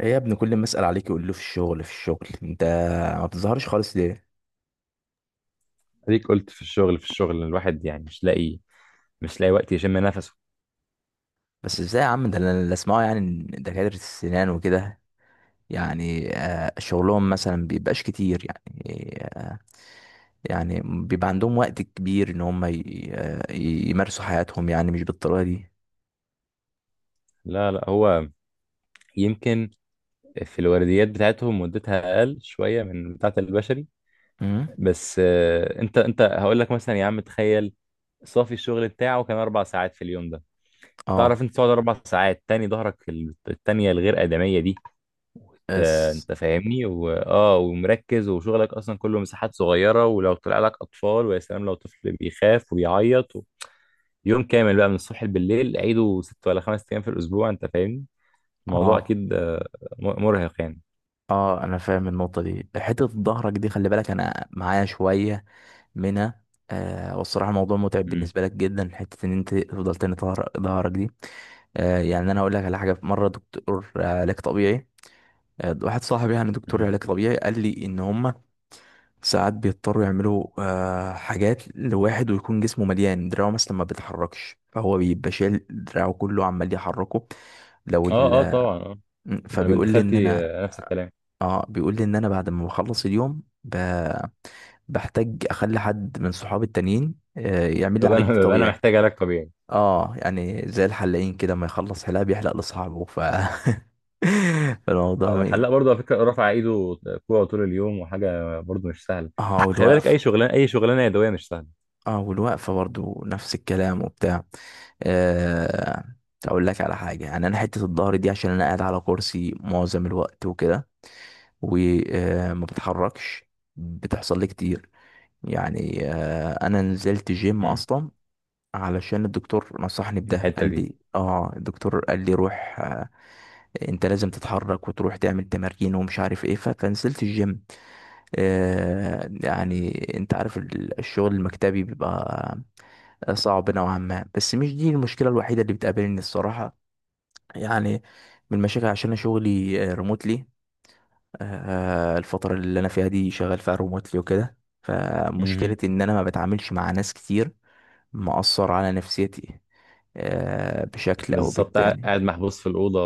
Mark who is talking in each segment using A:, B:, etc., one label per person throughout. A: ايه يا ابني، كل ما اسال عليك يقول له في الشغل في الشغل. انت ما بتظهرش خالص ليه؟
B: اديك قلت في الشغل في الشغل. الواحد يعني مش لاقي وقت يشم نفسه.
A: بس ازاي يا عم؟ ده انا اللي اسمعه يعني إن دكاتره السنان وكده، يعني شغلهم مثلا بيبقاش كتير، يعني يعني بيبقى عندهم وقت كبير ان هم يمارسوا حياتهم، يعني مش بالطريقه دي.
B: لا لا، هو يمكن في الورديات بتاعتهم مدتها اقل شويه من بتاعه البشري.
A: امم.
B: بس انت هقول لك مثلا، يا عم تخيل صافي الشغل بتاعه كان اربع ساعات في اليوم ده.
A: اه.
B: تعرف انت تقعد اربع ساعات تاني ظهرك التانيه الغير ادميه دي. انت
A: اس.
B: انت فاهمني واه ومركز، وشغلك اصلا كله مساحات صغيره، ولو طلع لك اطفال، ويا سلام لو طفل بيخاف وبيعيط يوم كامل بقى من الصبح بالليل، عيده ست ولا خمس ايام في الاسبوع. انت فاهمني الموضوع
A: اه.
B: اكيد مرهق يعني.
A: اه انا فاهم النقطه دي، حته ظهرك دي خلي بالك انا معايا شويه منها. آه والصراحة الموضوع متعب
B: مم.
A: بالنسبة لك جدا، حتة إن أنت تفضل تاني ظهرك دي. آه يعني أنا هقول لك على حاجة، في مرة دكتور علاج طبيعي، آه واحد صاحبي يعني دكتور
B: مم.
A: علاج طبيعي قال لي إن هما ساعات بيضطروا يعملوا آه حاجات لواحد، ويكون جسمه مليان، دراعه مثلا ما بيتحركش فهو بيبقى شايل دراعه كله عمال يحركه. لو
B: اه اه،
A: ال
B: طبعا اه.
A: م،
B: انا بنت
A: فبيقول لي إن
B: خالتي
A: أنا،
B: نفس الكلام.
A: اه بيقول لي إن أنا بعد ما بخلص اليوم بحتاج أخلي حد من صحابي التانيين يعمل لي علاج
B: ببقى انا
A: طبيعي.
B: محتاج علاج طبيعي.
A: اه يعني زي الحلاقين كده، ما يخلص حلاقة بيحلق لصاحبه، ف فالموضوع مي...
B: والحلاق برضه على فكره رافع ايده كوع طول اليوم، وحاجه برضه مش سهله.
A: اه
B: خلي بالك
A: والوقف.
B: اي شغلانه، اي شغلانه يدويه مش سهله.
A: اه والوقفة برضو نفس الكلام وبتاع. آه... اقول لك على حاجة، يعني انا حتة الظهر دي عشان انا قاعد على كرسي معظم الوقت وكده وما بتحركش بتحصل لي كتير. يعني انا نزلت جيم
B: مم.
A: اصلا علشان الدكتور نصحني بده،
B: الحته
A: قال
B: دي.
A: لي اه الدكتور قال لي روح، انت لازم تتحرك وتروح تعمل تمارين ومش عارف ايه، فكنسلت الجيم. آه
B: مم.
A: يعني انت عارف الشغل المكتبي بيبقى صعب نوعا ما، بس مش دي المشكلة الوحيدة اللي بتقابلني الصراحة. يعني من المشاكل عشان انا شغلي ريموتلي، الفترة اللي انا فيها دي شغال فيها ريموتلي وكده،
B: مهم.
A: فمشكلتي ان انا ما بتعاملش مع ناس كتير مأثر على نفسيتي آه بشكل او
B: بالظبط،
A: بالتاني.
B: قاعد محبوس في الاوضه.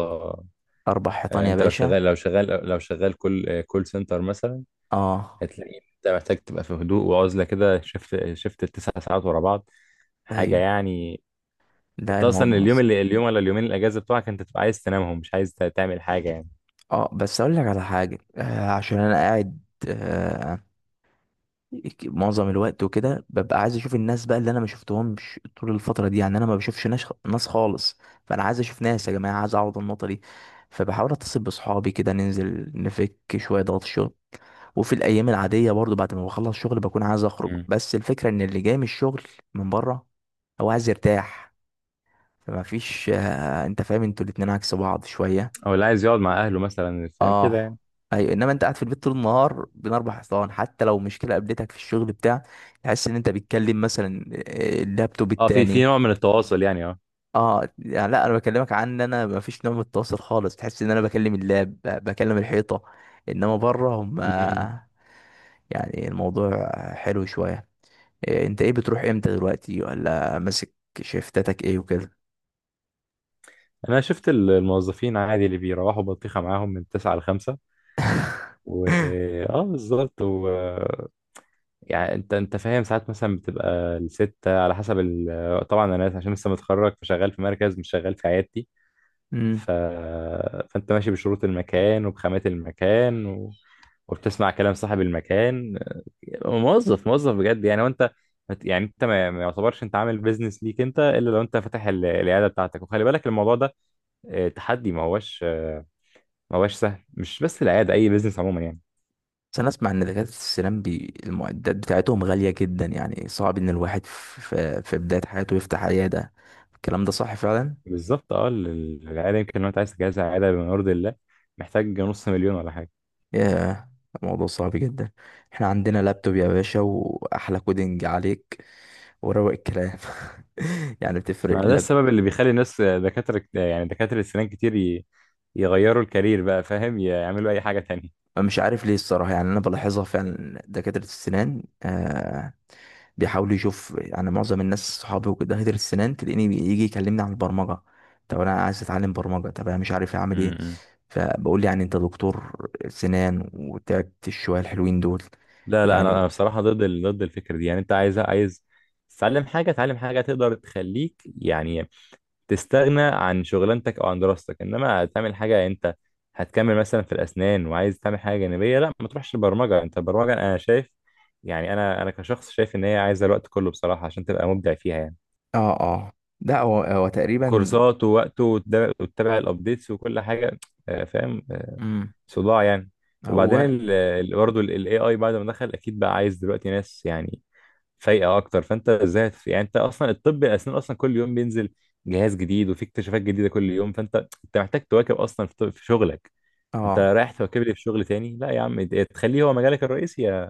A: اربع حيطان يا
B: انت لو
A: باشا.
B: شغال، لو شغال كول كول سنتر مثلا،
A: اه.
B: هتلاقي انت محتاج تبقى في هدوء وعزله كده. شفت التسع ساعات ورا بعض، حاجه
A: ايوه،
B: يعني.
A: ده
B: انت اصلا
A: الموضوع اصلا.
B: اليوم ولا اليومين الاجازه بتوعك، انت تبقى عايز تنامهم، مش عايز تعمل حاجه يعني.
A: اه بس اقول لك على حاجه، آه عشان انا قاعد آه معظم الوقت وكده ببقى عايز اشوف الناس بقى، اللي انا ما شفتهمش طول الفتره دي، يعني انا ما بشوفش ناس ناس خالص، فانا عايز اشوف ناس يا جماعه، عايز اعوض النقطه دي. فبحاول اتصل بصحابي كده، ننزل نفك شويه ضغط الشغل. وفي الايام العاديه برضو بعد ما بخلص شغل بكون عايز اخرج،
B: مم.
A: بس الفكره ان اللي جاي من الشغل من بره هو عايز يرتاح، فما فيش آه، انت فاهم انتوا الاتنين عكس بعض شويه.
B: او اللي عايز يقعد مع اهله مثلا، فاهم كده يعني.
A: اه. ايوه انما انت قاعد في البيت طول النهار بين اربع حيطان، حتى لو مشكله قابلتك في الشغل بتاع، تحس ان انت بتكلم مثلا اللابتوب
B: اه، في
A: التاني.
B: نوع من التواصل يعني، اه.
A: اه يعني لا انا بكلمك عن ان انا ما فيش نوع من التواصل خالص، تحس ان انا بكلم اللاب بكلم الحيطه، انما بره هم
B: مم.
A: يعني الموضوع حلو شويه. إيه، انت ايه بتروح امتى دلوقتي؟ ولا ماسك شيفتاتك ايه وكده؟
B: انا شفت الموظفين عادي اللي بيروحوا بطيخه معاهم من 9 ل 5. و اه بالظبط. و يعني انت فاهم، ساعات مثلا بتبقى الستة على حسب ال... طبعا انا عشان لسه متخرج، فشغال في مركز مش شغال في عيادتي.
A: امم.
B: ف... فانت ماشي بشروط المكان وبخامات المكان و... وبتسمع كلام صاحب المكان. موظف بجد يعني. وانت مت-، يعني انت ما يعتبرش انت عامل بيزنس ليك، انت الا لو انت فاتح العياده بتاعتك. وخلي بالك الموضوع ده تحدي، ما هوش ما هوش سهل. مش بس العياده، اي بيزنس عموما يعني.
A: بس انا اسمع ان دكاتره السنان المعدات بتاعتهم غاليه جدا، يعني صعب ان الواحد في بدايه حياته يفتح عياده، الكلام ده صح فعلا؟
B: بالظبط اه، العياده يمكن لو انت عايز تجهزها عياده بما يرضي الله، محتاج نص مليون ولا حاجه.
A: ياه، الموضوع صعب جدا. احنا عندنا لابتوب يا باشا واحلى كودينج عليك وروق الكلام. يعني بتفرق.
B: ما ده السبب اللي بيخلي الناس دكاترة يعني دكاترة السنان كتير يغيروا الكارير بقى، فاهم، يعملوا أي حاجة تانية.
A: مش عارف ليه الصراحة، يعني أنا بلاحظها فعلا، دكاترة السنان آه بيحاولوا يشوف، يعني معظم الناس صحابي وكده دكاترة السنان تلاقيني يجي يكلمني عن البرمجة، طب أنا عايز أتعلم برمجة، طب أنا مش عارف أعمل إيه.
B: امم.
A: فبقول لي يعني أنت دكتور سنان وتعبت الشوية الحلوين دول،
B: لا لا،
A: يعني.
B: أنا بصراحة ضد ال... ضد الفكرة دي. يعني أنت عايز، تتعلم حاجة، تعلم حاجة تقدر تخليك يعني تستغنى عن شغلانتك أو عن دراستك. إنما تعمل حاجة، أنت هتكمل مثلا في الأسنان وعايز تعمل حاجة جانبية، لا ما تروحش البرمجة. أنت البرمجة أنا شايف يعني، أنا كشخص شايف إن هي عايزة الوقت كله بصراحة عشان تبقى مبدع فيها يعني.
A: اه. اه ده هو هو تقريبا.
B: كورسات ووقت، وتتابع الابديتس وكل حاجه. فاهم،
A: مم.
B: صداع يعني. وبعدين
A: هو.
B: برضه الاي بعد ما دخل، اكيد بقى عايز دلوقتي ناس يعني فايقه اكتر. فانت ازاي يعني انت اصلا الطب الاسنان اصلا كل يوم بينزل جهاز جديد، وفي اكتشافات جديده كل يوم. فانت انت محتاج تواكب اصلا في شغلك. انت
A: اه.
B: رايح تواكب لي في شغل تاني؟ لا يا عم، تخليه هو مجالك الرئيسي،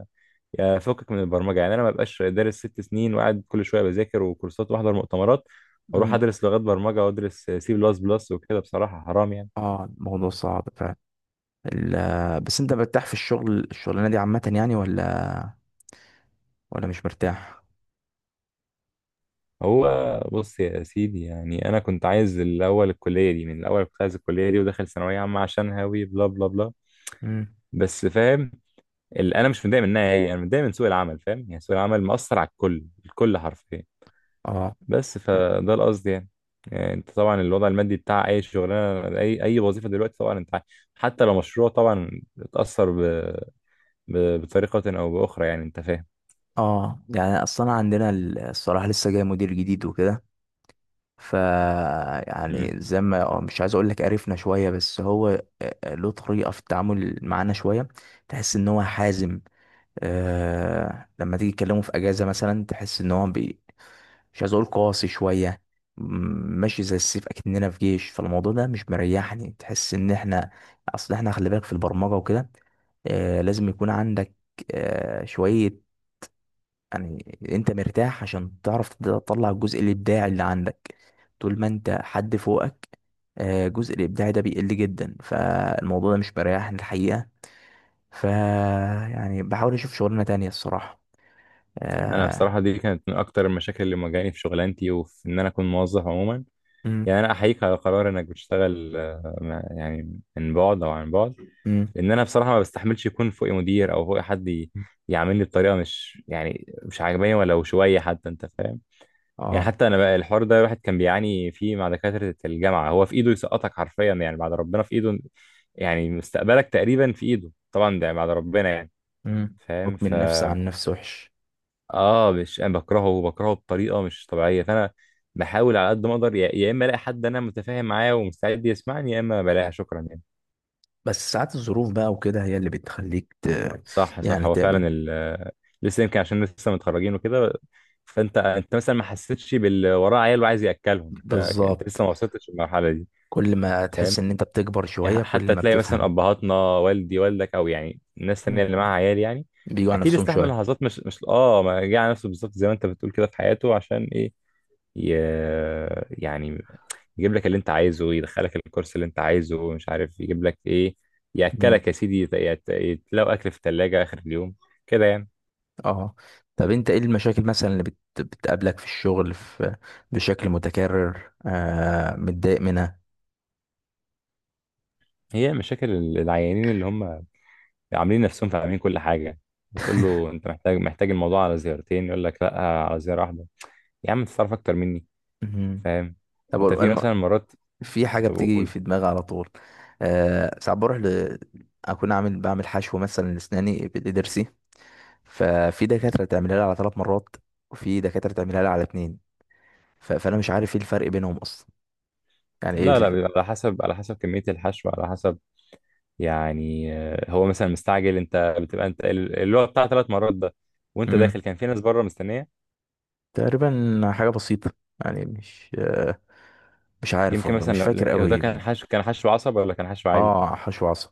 B: يا فكك من البرمجه. يعني انا ما بقاش دارس ست سنين وقاعد كل شويه بذاكر وكورسات واحضر مؤتمرات واروح
A: مم.
B: ادرس لغات برمجه وادرس سي بلس بلس وكده. بصراحه حرام يعني.
A: اه الموضوع صعب فعلا. بس انت مرتاح في الشغل، الشغلانه دي عامه يعني؟ ولا مش مرتاح؟
B: هو بص يا سيدي، يعني انا كنت عايز الاول الكليه دي، من الاول كنت عايز الكليه دي، وداخل ثانويه عامه عشان هاوي بلا بلا بلا،
A: مم.
B: بس فاهم ال-، انا مش متضايق منها هي، انا متضايق من سوق العمل، فاهم يعني. سوق العمل مأثر على الكل، الكل حرفيا.
A: اه.
B: بس فده القصد يعني. يعني انت طبعا الوضع المادي بتاع اي شغلانه، اي وظيفه دلوقتي طبعا انت عارف، حتى لو مشروع طبعا اتاثر ب... ب... بطريقه او باخرى يعني انت فاهم.
A: اه يعني اصلا عندنا الصراحه لسه جاي مدير جديد وكده، ف
B: مم.
A: يعني زي ما مش عايز اقول لك قرفنا شويه، بس هو له طريقه في التعامل معانا شويه، تحس ان هو حازم. آه لما تيجي تكلمه في اجازه مثلا تحس ان هو مش عايز اقول قاسي شويه. م- ماشي زي السيف اكننا في جيش، فالموضوع ده مش مريحني، تحس ان احنا، اصل احنا خلي بالك في البرمجه وكده لازم يكون عندك شوية، يعني انت مرتاح، عشان تعرف تطلع الجزء الابداعي اللي عندك، طول ما انت حد فوقك الجزء الابداعي ده بيقل جدا، فالموضوع ده مش مريحني الحقيقة. ف يعني بحاول اشوف شغلانة تانية الصراحة،
B: انا
A: آه.
B: بصراحه دي كانت من اكتر المشاكل اللي مواجهاني في شغلانتي، وفي ان انا اكون موظف عموما.
A: مم.
B: يعني انا احييك على قرار انك بتشتغل يعني من بعد او عن بعد.
A: مم.
B: لان انا بصراحه ما بستحملش يكون فوقي مدير او فوقي حد يعاملني بطريقه مش يعني مش عاجباني، ولو شويه حتى، انت فاهم. يعني
A: اه.
B: حتى انا بقى، الحوار ده الواحد كان بيعاني فيه مع دكاترة الجامعة. هو في ايده يسقطك حرفيا يعني، بعد ربنا في ايده. يعني مستقبلك تقريبا في ايده، طبعا ده بعد ربنا يعني.
A: مم.
B: فاهم،
A: حكم
B: ف...
A: النفس عن نفس وحش.
B: اه مش، انا بكرهه، بطريقة مش طبيعية. فانا بحاول على قد ما اقدر، يا اما الاقي حد انا متفاهم معاه ومستعد يسمعني، يا اما بلاقيها شكرا يعني.
A: بس ساعات الظروف بقى وكده هي اللي بتخليك
B: صح صح،
A: يعني
B: هو فعلا
A: تقبل.
B: ال... لسه يمكن عشان لسه متخرجين وكده. انت مثلا ما حسيتش باللي وراه عيال وعايز ياكلهم. انت لسه
A: بالظبط،
B: ما وصلتش للمرحلة دي،
A: كل ما
B: فاهم؟
A: تحس ان انت بتكبر
B: يعني
A: شوية كل
B: حتى
A: ما
B: تلاقي مثلا
A: بتفهم.
B: ابهاتنا، والدي والدك، او يعني الناس التانية اللي
A: مم.
B: معاها عيال يعني،
A: بيجوا على
B: اكيد
A: نفسهم
B: استحمل
A: شوية.
B: لحظات مش اه، ما جه على نفسه بالظبط زي ما انت بتقول كده في حياته. عشان ايه؟ ي... يعني يجيب لك اللي انت عايزه، يدخلك الكورس اللي انت عايزه، مش عارف يجيب لك ايه. ياكلك يا سيدي، يتلاقوا اكل في الثلاجه اخر اليوم كده يعني.
A: اه. طب انت ايه المشاكل مثلا اللي بتقابلك في الشغل بشكل متكرر، آه متضايق منها؟
B: هي مشاكل العيانين اللي هم عاملين نفسهم فاهمين كل حاجه. بتقول له انت محتاج، الموضوع على زيارتين، يقول لك لا على زياره واحده. يا عم انت تعرف اكتر مني،
A: مهم.
B: فاهم؟
A: طب
B: انت في مثلا مرات
A: في حاجة بتيجي
B: بقول.
A: في دماغي على طول، آه ساعات بروح اكون عامل، بعمل حشو مثلا لاسناني بضرسي، ففي دكاترة تعملها لي على 3 مرات وفي دكاترة تعملها لي على اتنين، فانا مش عارف ايه الفرق بينهم اصلا، يعني ايه
B: لا لا، بيبقى على حسب، على حسب كمية الحشو، على حسب. يعني هو مثلا مستعجل، انت بتبقى انت اللي هو بتاع ثلاث مرات ده، وانت داخل
A: مم.
B: كان في ناس بره مستنية.
A: تقريبا حاجة بسيطة، يعني مش آه مش عارف
B: يمكن
A: والله
B: مثلا،
A: مش فاكر
B: لو ده
A: قوي.
B: كان حشو، كان حشو عصب ولا كان حشو عادي.
A: اه حشو عصب.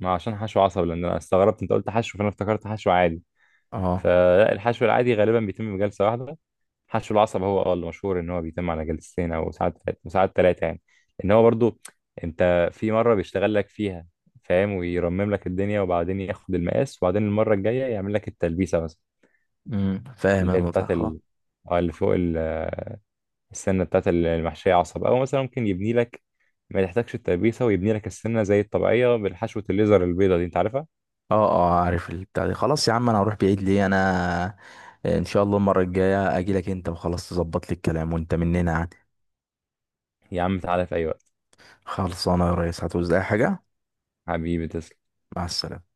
B: ما عشان حشو عصب، لان انا استغربت انت قلت حشو، فانا افتكرت حشو عادي.
A: اه.
B: فالحشو العادي غالبا بيتم بجلسة واحدة. حشو العصب هو اه اللي مشهور ان هو بيتم على جلستين، او ساعات ثلاثه يعني. ان هو برضو، انت في مره بيشتغل لك فيها، فاهم، ويرمم لك الدنيا، وبعدين ياخد المقاس، وبعدين المره الجايه يعمل لك التلبيسه مثلا،
A: فاهم
B: اللي
A: انا
B: هي بتاعت
A: متعة اه.
B: ال... اه اللي فوق ال... السنه بتاعت المحشيه عصب. او مثلا ممكن يبني لك ما تحتاجش التلبيسه، ويبني لك السنه زي الطبيعيه بالحشوه الليزر البيضه دي، انت عارفها.
A: اه عارف البتاع دي. خلاص يا عم انا هروح بعيد ليه، انا ان شاء الله المره الجايه اجي لك انت، وخلاص تظبط لي الكلام وانت مننا يعني.
B: يا عم تعالى في اي وقت.
A: خلصانه يا ريس، هتعوز اي حاجه؟
B: حبيبي تسلم.
A: مع السلامه.